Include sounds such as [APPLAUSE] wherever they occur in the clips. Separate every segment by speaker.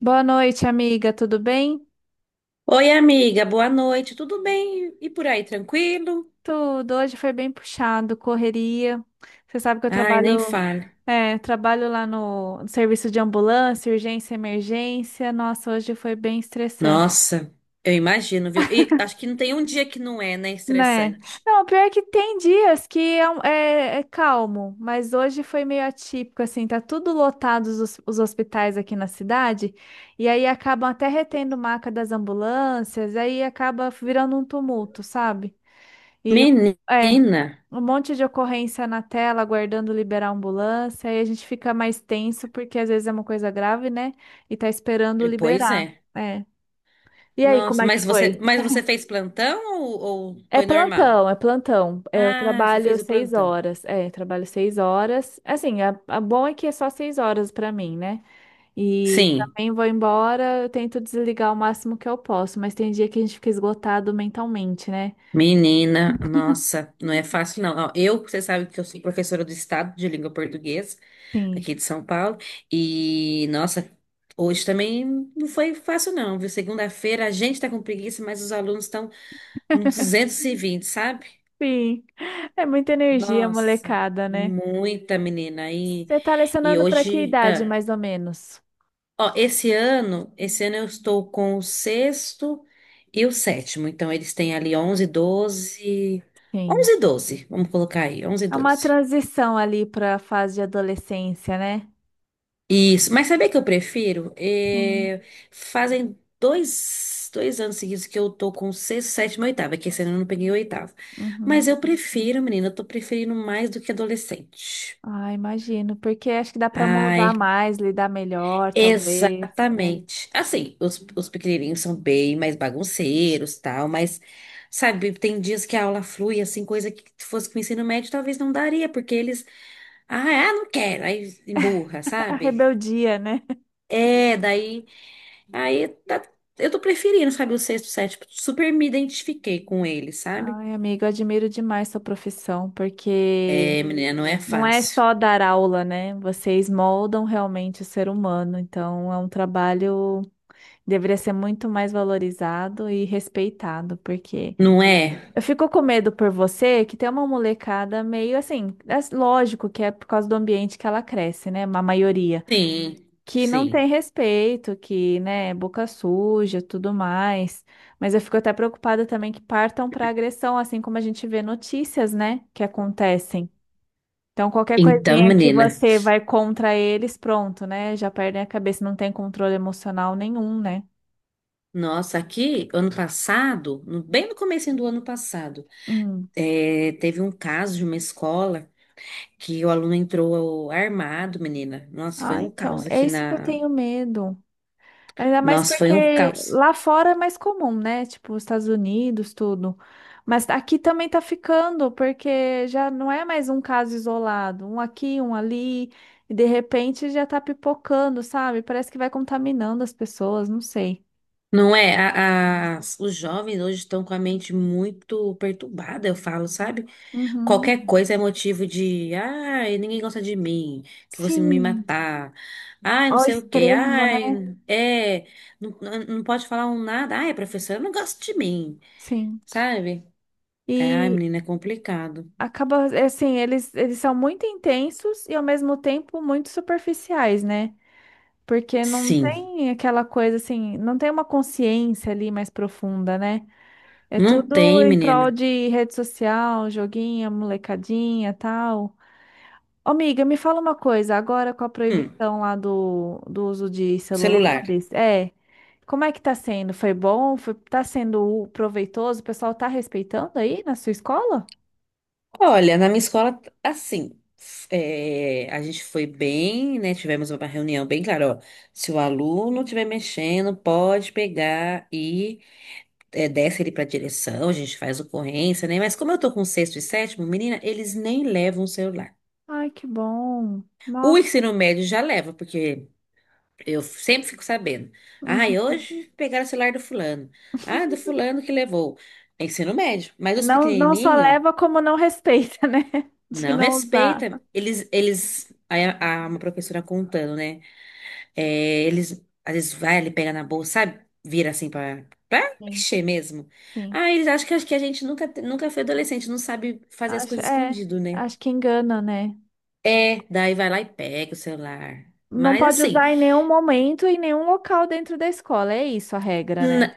Speaker 1: Boa noite, amiga. Tudo bem?
Speaker 2: Oi, amiga, boa noite. Tudo bem? E por aí, tranquilo?
Speaker 1: Tudo. Hoje foi bem puxado, correria. Você sabe que eu
Speaker 2: Ai, nem
Speaker 1: trabalho,
Speaker 2: fale.
Speaker 1: trabalho lá no serviço de ambulância, urgência, emergência. Nossa, hoje foi bem estressante,
Speaker 2: Nossa, eu imagino, viu? E acho que não tem um dia que não é, né,
Speaker 1: né?
Speaker 2: estressante.
Speaker 1: Não, pior é que tem dias que é, é calmo, mas hoje foi meio atípico, assim, tá tudo lotado os hospitais aqui na cidade, e aí acabam até retendo maca das ambulâncias, aí acaba virando um tumulto, sabe? E é,
Speaker 2: Menina,
Speaker 1: Um monte de ocorrência na tela, aguardando liberar a ambulância, aí a gente fica mais tenso, porque às vezes é uma coisa grave, né? E tá esperando
Speaker 2: pois
Speaker 1: liberar.
Speaker 2: é.
Speaker 1: É. E aí, como
Speaker 2: Nossa,
Speaker 1: é que
Speaker 2: mas você,
Speaker 1: foi?
Speaker 2: mas você fez plantão ou
Speaker 1: É
Speaker 2: foi normal?
Speaker 1: plantão, é plantão. É, eu
Speaker 2: Ah, você
Speaker 1: trabalho
Speaker 2: fez o
Speaker 1: seis
Speaker 2: plantão.
Speaker 1: horas. É, eu trabalho seis horas. Assim, a bom é que é só seis horas pra mim, né? E
Speaker 2: Sim,
Speaker 1: também vou embora, eu tento desligar o máximo que eu posso, mas tem dia que a gente fica esgotado mentalmente, né?
Speaker 2: menina, nossa, não é fácil não. Ó, eu, você sabe que eu sou professora do Estado de língua portuguesa
Speaker 1: Sim.
Speaker 2: aqui de São Paulo. E, nossa, hoje também não foi fácil, não, viu? Segunda-feira a gente tá com preguiça, mas os alunos estão no 220, sabe?
Speaker 1: Sim, é muita energia,
Speaker 2: Nossa,
Speaker 1: molecada, né?
Speaker 2: muita menina.
Speaker 1: Você tá
Speaker 2: E
Speaker 1: lecionando para que
Speaker 2: hoje,
Speaker 1: idade, mais ou menos?
Speaker 2: ó, esse ano eu estou com o sexto e o sétimo. Então, eles têm ali 11, 12,
Speaker 1: Sim.
Speaker 2: 11 e 12, vamos colocar aí, 11 e
Speaker 1: É uma
Speaker 2: 12.
Speaker 1: transição ali para a fase de adolescência, né?
Speaker 2: Isso, mas sabe o que eu prefiro?
Speaker 1: Sim.
Speaker 2: É, fazem dois anos seguidos que eu tô com sexto, sétimo e oitavo, é que esse ano eu não peguei o oitavo.
Speaker 1: Uhum.
Speaker 2: Mas eu prefiro, menina, eu tô preferindo mais do que adolescente.
Speaker 1: Ah, imagino, porque acho que dá para moldar
Speaker 2: Ai,
Speaker 1: mais, lidar melhor, talvez. É.
Speaker 2: exatamente. Assim, os pequenininhos são bem mais bagunceiros, tal, mas, sabe, tem dias que a aula flui, assim, coisa que se fosse com o ensino médio talvez não daria, porque eles, ah, não quero, aí emburra,
Speaker 1: A
Speaker 2: sabe?
Speaker 1: rebeldia, né?
Speaker 2: É, Aí tá, eu tô preferindo, sabe, o sexto, sétimo. Super me identifiquei com ele, sabe?
Speaker 1: Ai, amigo, eu admiro demais sua profissão, porque
Speaker 2: É, menina, não é
Speaker 1: não é
Speaker 2: fácil.
Speaker 1: só dar aula, né? Vocês moldam realmente o ser humano, então é um trabalho. Deveria ser muito mais valorizado e respeitado, porque
Speaker 2: Não é?
Speaker 1: eu fico com medo por você que tem uma molecada meio assim, é lógico que é por causa do ambiente que ela cresce, né? Uma maioria
Speaker 2: Sim,
Speaker 1: que não tem
Speaker 2: sim.
Speaker 1: respeito, que, né, é boca suja, tudo mais. Mas eu fico até preocupada também que partam para agressão, assim como a gente vê notícias, né, que acontecem. Então, qualquer
Speaker 2: Então,
Speaker 1: coisinha que
Speaker 2: menina,
Speaker 1: você vai contra eles, pronto, né? Já perdem a cabeça, não tem controle emocional nenhum, né?
Speaker 2: nossa, aqui, ano passado, bem no comecinho do ano passado,
Speaker 1: Hum.
Speaker 2: teve um caso de uma escola que o aluno entrou armado, menina. Nossa, foi
Speaker 1: Ah,
Speaker 2: um
Speaker 1: então,
Speaker 2: caos
Speaker 1: é
Speaker 2: aqui
Speaker 1: isso que eu
Speaker 2: na...
Speaker 1: tenho medo. Ainda mais
Speaker 2: Nossa, foi um
Speaker 1: porque
Speaker 2: caos.
Speaker 1: lá fora é mais comum, né? Tipo, os Estados Unidos, tudo. Mas aqui também tá ficando, porque já não é mais um caso isolado, um aqui, um ali, e de repente já tá pipocando, sabe? Parece que vai contaminando as pessoas, não sei.
Speaker 2: Não é? Os jovens hoje estão com a mente muito perturbada, eu falo, sabe?
Speaker 1: Uhum.
Speaker 2: Qualquer coisa é motivo de, ai, ninguém gosta de mim, que você me
Speaker 1: Sim,
Speaker 2: matar, ai, não
Speaker 1: ao
Speaker 2: sei o quê,
Speaker 1: extremo, né?
Speaker 2: não pode falar um nada, ai, professora, não gosta de mim,
Speaker 1: Sim.
Speaker 2: sabe? Ai,
Speaker 1: E
Speaker 2: menina, é complicado.
Speaker 1: acaba, é assim, eles são muito intensos e ao mesmo tempo muito superficiais, né? Porque não
Speaker 2: Sim,
Speaker 1: tem aquela coisa assim, não tem uma consciência ali mais profunda, né? É
Speaker 2: não
Speaker 1: tudo
Speaker 2: tem,
Speaker 1: em prol
Speaker 2: menina.
Speaker 1: de rede social, joguinho, molecadinha, tal. Ô, amiga, me fala uma coisa, agora com a
Speaker 2: Hum,
Speaker 1: proibição lá do uso de
Speaker 2: celular.
Speaker 1: celulares, é, como é que tá sendo? Foi bom? Foi, tá sendo proveitoso? O pessoal tá respeitando aí na sua escola?
Speaker 2: Olha, na minha escola, assim, a gente foi bem, né? Tivemos uma reunião bem clara, ó. Se o aluno estiver mexendo, pode pegar, desce ele para direção, a gente faz ocorrência, né? Mas como eu tô com sexto e sétimo, menina, eles nem levam o celular.
Speaker 1: Ai, que bom.
Speaker 2: O
Speaker 1: Nossa.
Speaker 2: ensino médio já leva, porque eu sempre fico sabendo.
Speaker 1: Uhum.
Speaker 2: Ai, hoje pegaram o celular do fulano. Ah, do fulano que levou. É ensino médio. Mas os
Speaker 1: Não, não só
Speaker 2: pequenininhos
Speaker 1: leva como não respeita, né? [LAUGHS] De
Speaker 2: não
Speaker 1: não usar.
Speaker 2: respeita. Eles, aí uma professora contando, né? É, eles, às vezes, vai ali pegar na bolsa, sabe? Vira assim pra
Speaker 1: Sim.
Speaker 2: mexer mesmo.
Speaker 1: Sim.
Speaker 2: Ah, eles acham que a gente nunca foi adolescente, não sabe fazer as
Speaker 1: Acho,
Speaker 2: coisas
Speaker 1: é,
Speaker 2: escondido, né?
Speaker 1: acho que engana, né?
Speaker 2: É, daí vai lá e pega o celular.
Speaker 1: Não
Speaker 2: Mas
Speaker 1: pode usar
Speaker 2: assim,
Speaker 1: em nenhum momento, em nenhum local dentro da escola. É isso a regra,
Speaker 2: n-
Speaker 1: né?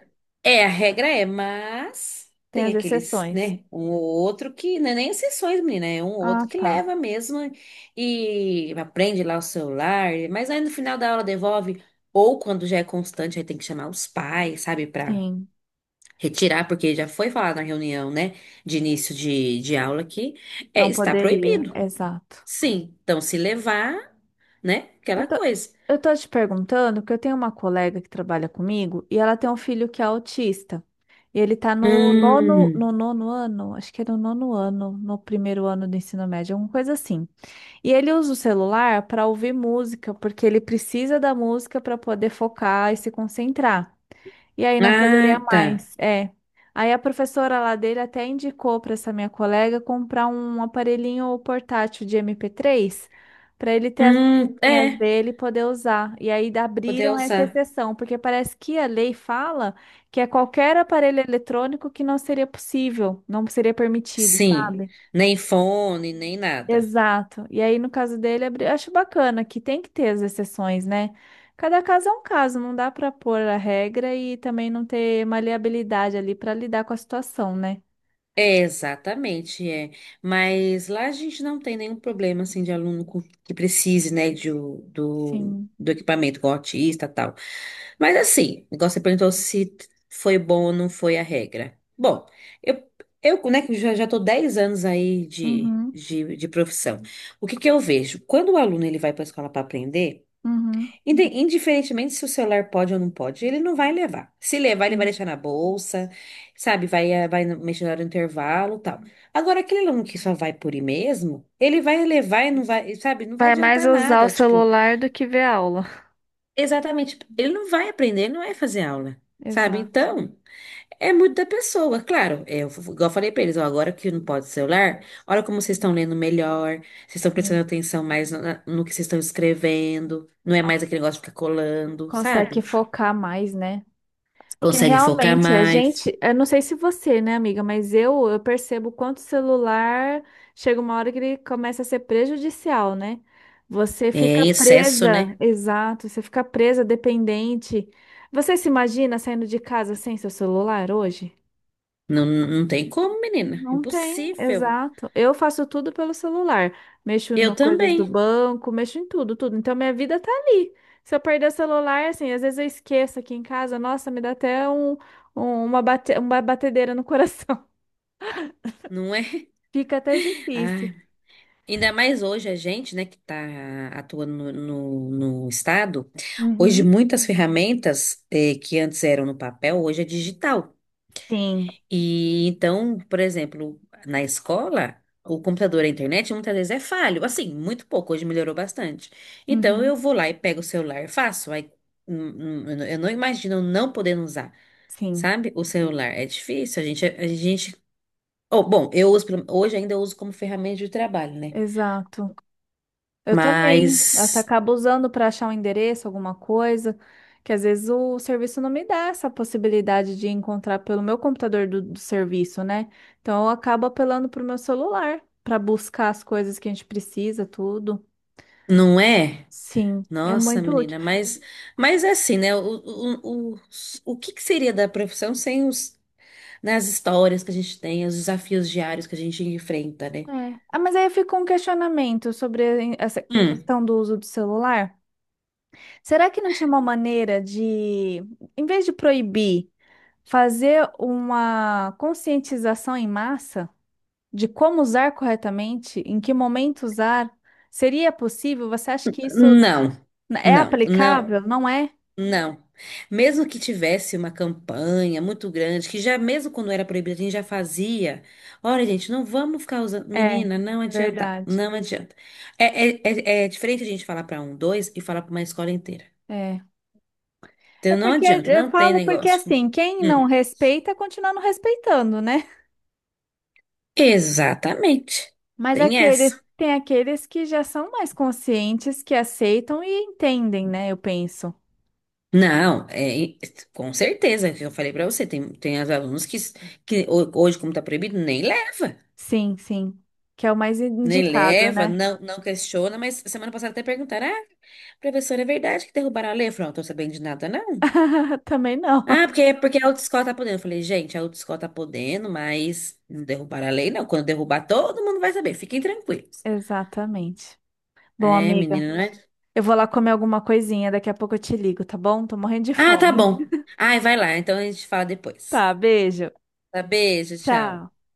Speaker 2: é, a regra é, mas
Speaker 1: Tem
Speaker 2: tem
Speaker 1: as
Speaker 2: aqueles,
Speaker 1: exceções.
Speaker 2: né? Um ou outro que, não é nem exceções, menina, é um ou outro
Speaker 1: Ah,
Speaker 2: que
Speaker 1: tá.
Speaker 2: leva mesmo e aprende lá o celular, mas aí no final da aula devolve, ou quando já é constante, aí tem que chamar os pais, sabe, pra
Speaker 1: Sim,
Speaker 2: retirar, porque já foi falado na reunião, né, de início de aula que
Speaker 1: não
Speaker 2: está
Speaker 1: poderia.
Speaker 2: proibido.
Speaker 1: Exato.
Speaker 2: Sim, então se levar, né,
Speaker 1: Eu
Speaker 2: aquela
Speaker 1: tô,
Speaker 2: coisa.
Speaker 1: eu tô te perguntando, porque eu tenho uma colega que trabalha comigo e ela tem um filho que é autista. E ele tá
Speaker 2: Hum,
Speaker 1: no nono ano, acho que é no nono ano, no primeiro ano do ensino médio, alguma coisa assim. E ele usa o celular para ouvir música, porque ele precisa da música para poder focar e se concentrar. E aí não poderia
Speaker 2: ah, tá.
Speaker 1: mais. É. Aí a professora lá dele até indicou para essa minha colega comprar um aparelhinho portátil de MP3 para ele ter as musiquinhas
Speaker 2: É,
Speaker 1: dele e poder usar. E aí da
Speaker 2: poder
Speaker 1: abriram essa
Speaker 2: usar.
Speaker 1: exceção, porque parece que a lei fala que é qualquer aparelho eletrônico que não seria possível, não seria permitido,
Speaker 2: Sim,
Speaker 1: sabe?
Speaker 2: nem fone, nem nada.
Speaker 1: Exato. E aí, no caso dele, acho bacana que tem que ter as exceções, né? Cada caso é um caso, não dá para pôr a regra e também não ter maleabilidade ali para lidar com a situação, né?
Speaker 2: É, exatamente, é. Mas lá a gente não tem nenhum problema assim de que precise, né,
Speaker 1: Sim.
Speaker 2: do equipamento com autista, e tal. Mas assim, igual você perguntou se foi bom ou não foi a regra. Bom, eu, eu né, que já tô 10 anos aí de,
Speaker 1: Uhum,
Speaker 2: de profissão. O que que eu vejo? Quando o aluno ele vai para a escola para aprender,
Speaker 1: uhum.
Speaker 2: Indiferentemente se o celular pode ou não pode, ele não vai levar. Se levar, ele vai
Speaker 1: Sim.
Speaker 2: deixar na bolsa, sabe? Vai, mexer na hora do intervalo, tal. Agora, aquele aluno que só vai por ir mesmo, ele vai levar e não vai, sabe? Não vai
Speaker 1: Vai mais
Speaker 2: adiantar
Speaker 1: usar o
Speaker 2: nada. Tipo,
Speaker 1: celular do que ver aula.
Speaker 2: exatamente. Ele não vai aprender, ele não vai fazer aula, sabe?
Speaker 1: Exato.
Speaker 2: Então, é muito da pessoa. Claro, é, eu, igual eu falei pra eles, ó, agora que não pode celular, olha como vocês estão lendo melhor, vocês estão prestando
Speaker 1: Sim.
Speaker 2: atenção mais no que vocês estão escrevendo, não é
Speaker 1: Ah,
Speaker 2: mais aquele negócio de ficar colando,
Speaker 1: consegue
Speaker 2: sabe?
Speaker 1: focar mais, né? Porque
Speaker 2: Consegue focar
Speaker 1: realmente a
Speaker 2: mais.
Speaker 1: gente, eu não sei se você, né, amiga, mas eu percebo quanto o celular chega uma hora que ele começa a ser prejudicial, né? Você
Speaker 2: É
Speaker 1: fica
Speaker 2: em excesso,
Speaker 1: presa,
Speaker 2: né?
Speaker 1: exato, você fica presa, dependente. Você se imagina saindo de casa sem seu celular hoje?
Speaker 2: Não, não tem como, menina.
Speaker 1: Não tem,
Speaker 2: Impossível.
Speaker 1: exato. Eu faço tudo pelo celular. Mexo no
Speaker 2: Eu
Speaker 1: coisas do
Speaker 2: também,
Speaker 1: banco, mexo em tudo, tudo. Então minha vida tá ali. Se eu perder o celular, assim, às vezes eu esqueço aqui em casa, nossa, me dá até uma, bate, uma batedeira no coração.
Speaker 2: não é?
Speaker 1: [LAUGHS] Fica até
Speaker 2: [LAUGHS]
Speaker 1: difícil.
Speaker 2: Ai, ainda mais hoje a gente, né, que está atuando no estado, hoje
Speaker 1: Uhum,
Speaker 2: muitas ferramentas que antes eram no papel, hoje é digital.
Speaker 1: sim,
Speaker 2: E então, por exemplo, na escola, o computador, a internet muitas vezes é falho. Assim, muito pouco, hoje melhorou bastante. Então eu
Speaker 1: uhum,
Speaker 2: vou lá e pego o celular e faço. Aí, eu não imagino não podendo usar,
Speaker 1: sim.
Speaker 2: sabe? O celular é difícil, a gente... Oh, bom, eu uso, hoje ainda eu uso como ferramenta de trabalho, né?
Speaker 1: Exato. Eu também. Até
Speaker 2: Mas
Speaker 1: acabo usando para achar um endereço, alguma coisa, que às vezes o serviço não me dá essa possibilidade de encontrar pelo meu computador do serviço, né? Então eu acabo apelando para o meu celular para buscar as coisas que a gente precisa, tudo.
Speaker 2: não é?
Speaker 1: Sim, é
Speaker 2: Nossa,
Speaker 1: muito útil.
Speaker 2: menina, mas é assim, né? O, o, o que que seria da profissão sem os, nas histórias que a gente tem, os desafios diários que a gente enfrenta, né?
Speaker 1: É. Ah, mas aí fica um questionamento sobre essa
Speaker 2: Hum,
Speaker 1: questão do uso do celular. Será que não tinha uma maneira de, em vez de proibir, fazer uma conscientização em massa? De como usar corretamente, em que momento usar, seria possível? Você acha que isso
Speaker 2: hum. Não,
Speaker 1: é
Speaker 2: não, não,
Speaker 1: aplicável? Não é?
Speaker 2: não. Mesmo que tivesse uma campanha muito grande, que já mesmo quando era proibido, a gente já fazia. Olha, gente, não vamos ficar usando.
Speaker 1: É,
Speaker 2: Menina, não adianta,
Speaker 1: verdade.
Speaker 2: não adianta. É diferente a gente falar para um, dois e falar para uma escola inteira.
Speaker 1: É. É
Speaker 2: Então não
Speaker 1: porque
Speaker 2: adianta,
Speaker 1: eu
Speaker 2: não tem
Speaker 1: falo porque
Speaker 2: negócio.
Speaker 1: assim, quem não
Speaker 2: Hum,
Speaker 1: respeita, continua não respeitando, né?
Speaker 2: Exatamente.
Speaker 1: Mas
Speaker 2: Tem
Speaker 1: aquele,
Speaker 2: essa.
Speaker 1: tem aqueles que já são mais conscientes, que aceitam e entendem, né? Eu penso.
Speaker 2: Não, é, com certeza, é o que eu falei pra você, tem as alunos que, hoje, como tá proibido, nem leva,
Speaker 1: Sim, sim. Que é o mais
Speaker 2: nem
Speaker 1: indicado,
Speaker 2: leva,
Speaker 1: né?
Speaker 2: não, não questiona, mas semana passada até perguntaram, ah, professora, é verdade que derrubaram a lei? Eu falei, não tô sabendo de nada, não.
Speaker 1: [LAUGHS] Também não.
Speaker 2: Ah, porque a autoescola tá podendo. Eu falei, gente, a autoescola tá podendo, mas não derrubaram a lei, não. Quando derrubar, todo mundo vai saber, fiquem tranquilos.
Speaker 1: Exatamente. Bom,
Speaker 2: É,
Speaker 1: amiga.
Speaker 2: menina, não é?
Speaker 1: Eu vou lá comer alguma coisinha, daqui a pouco eu te ligo, tá bom? Tô morrendo de
Speaker 2: Ah, tá
Speaker 1: fome.
Speaker 2: bom. Ai, vai lá, então a gente fala depois.
Speaker 1: Tá, beijo.
Speaker 2: Tá, beijo, tchau.
Speaker 1: Tchau.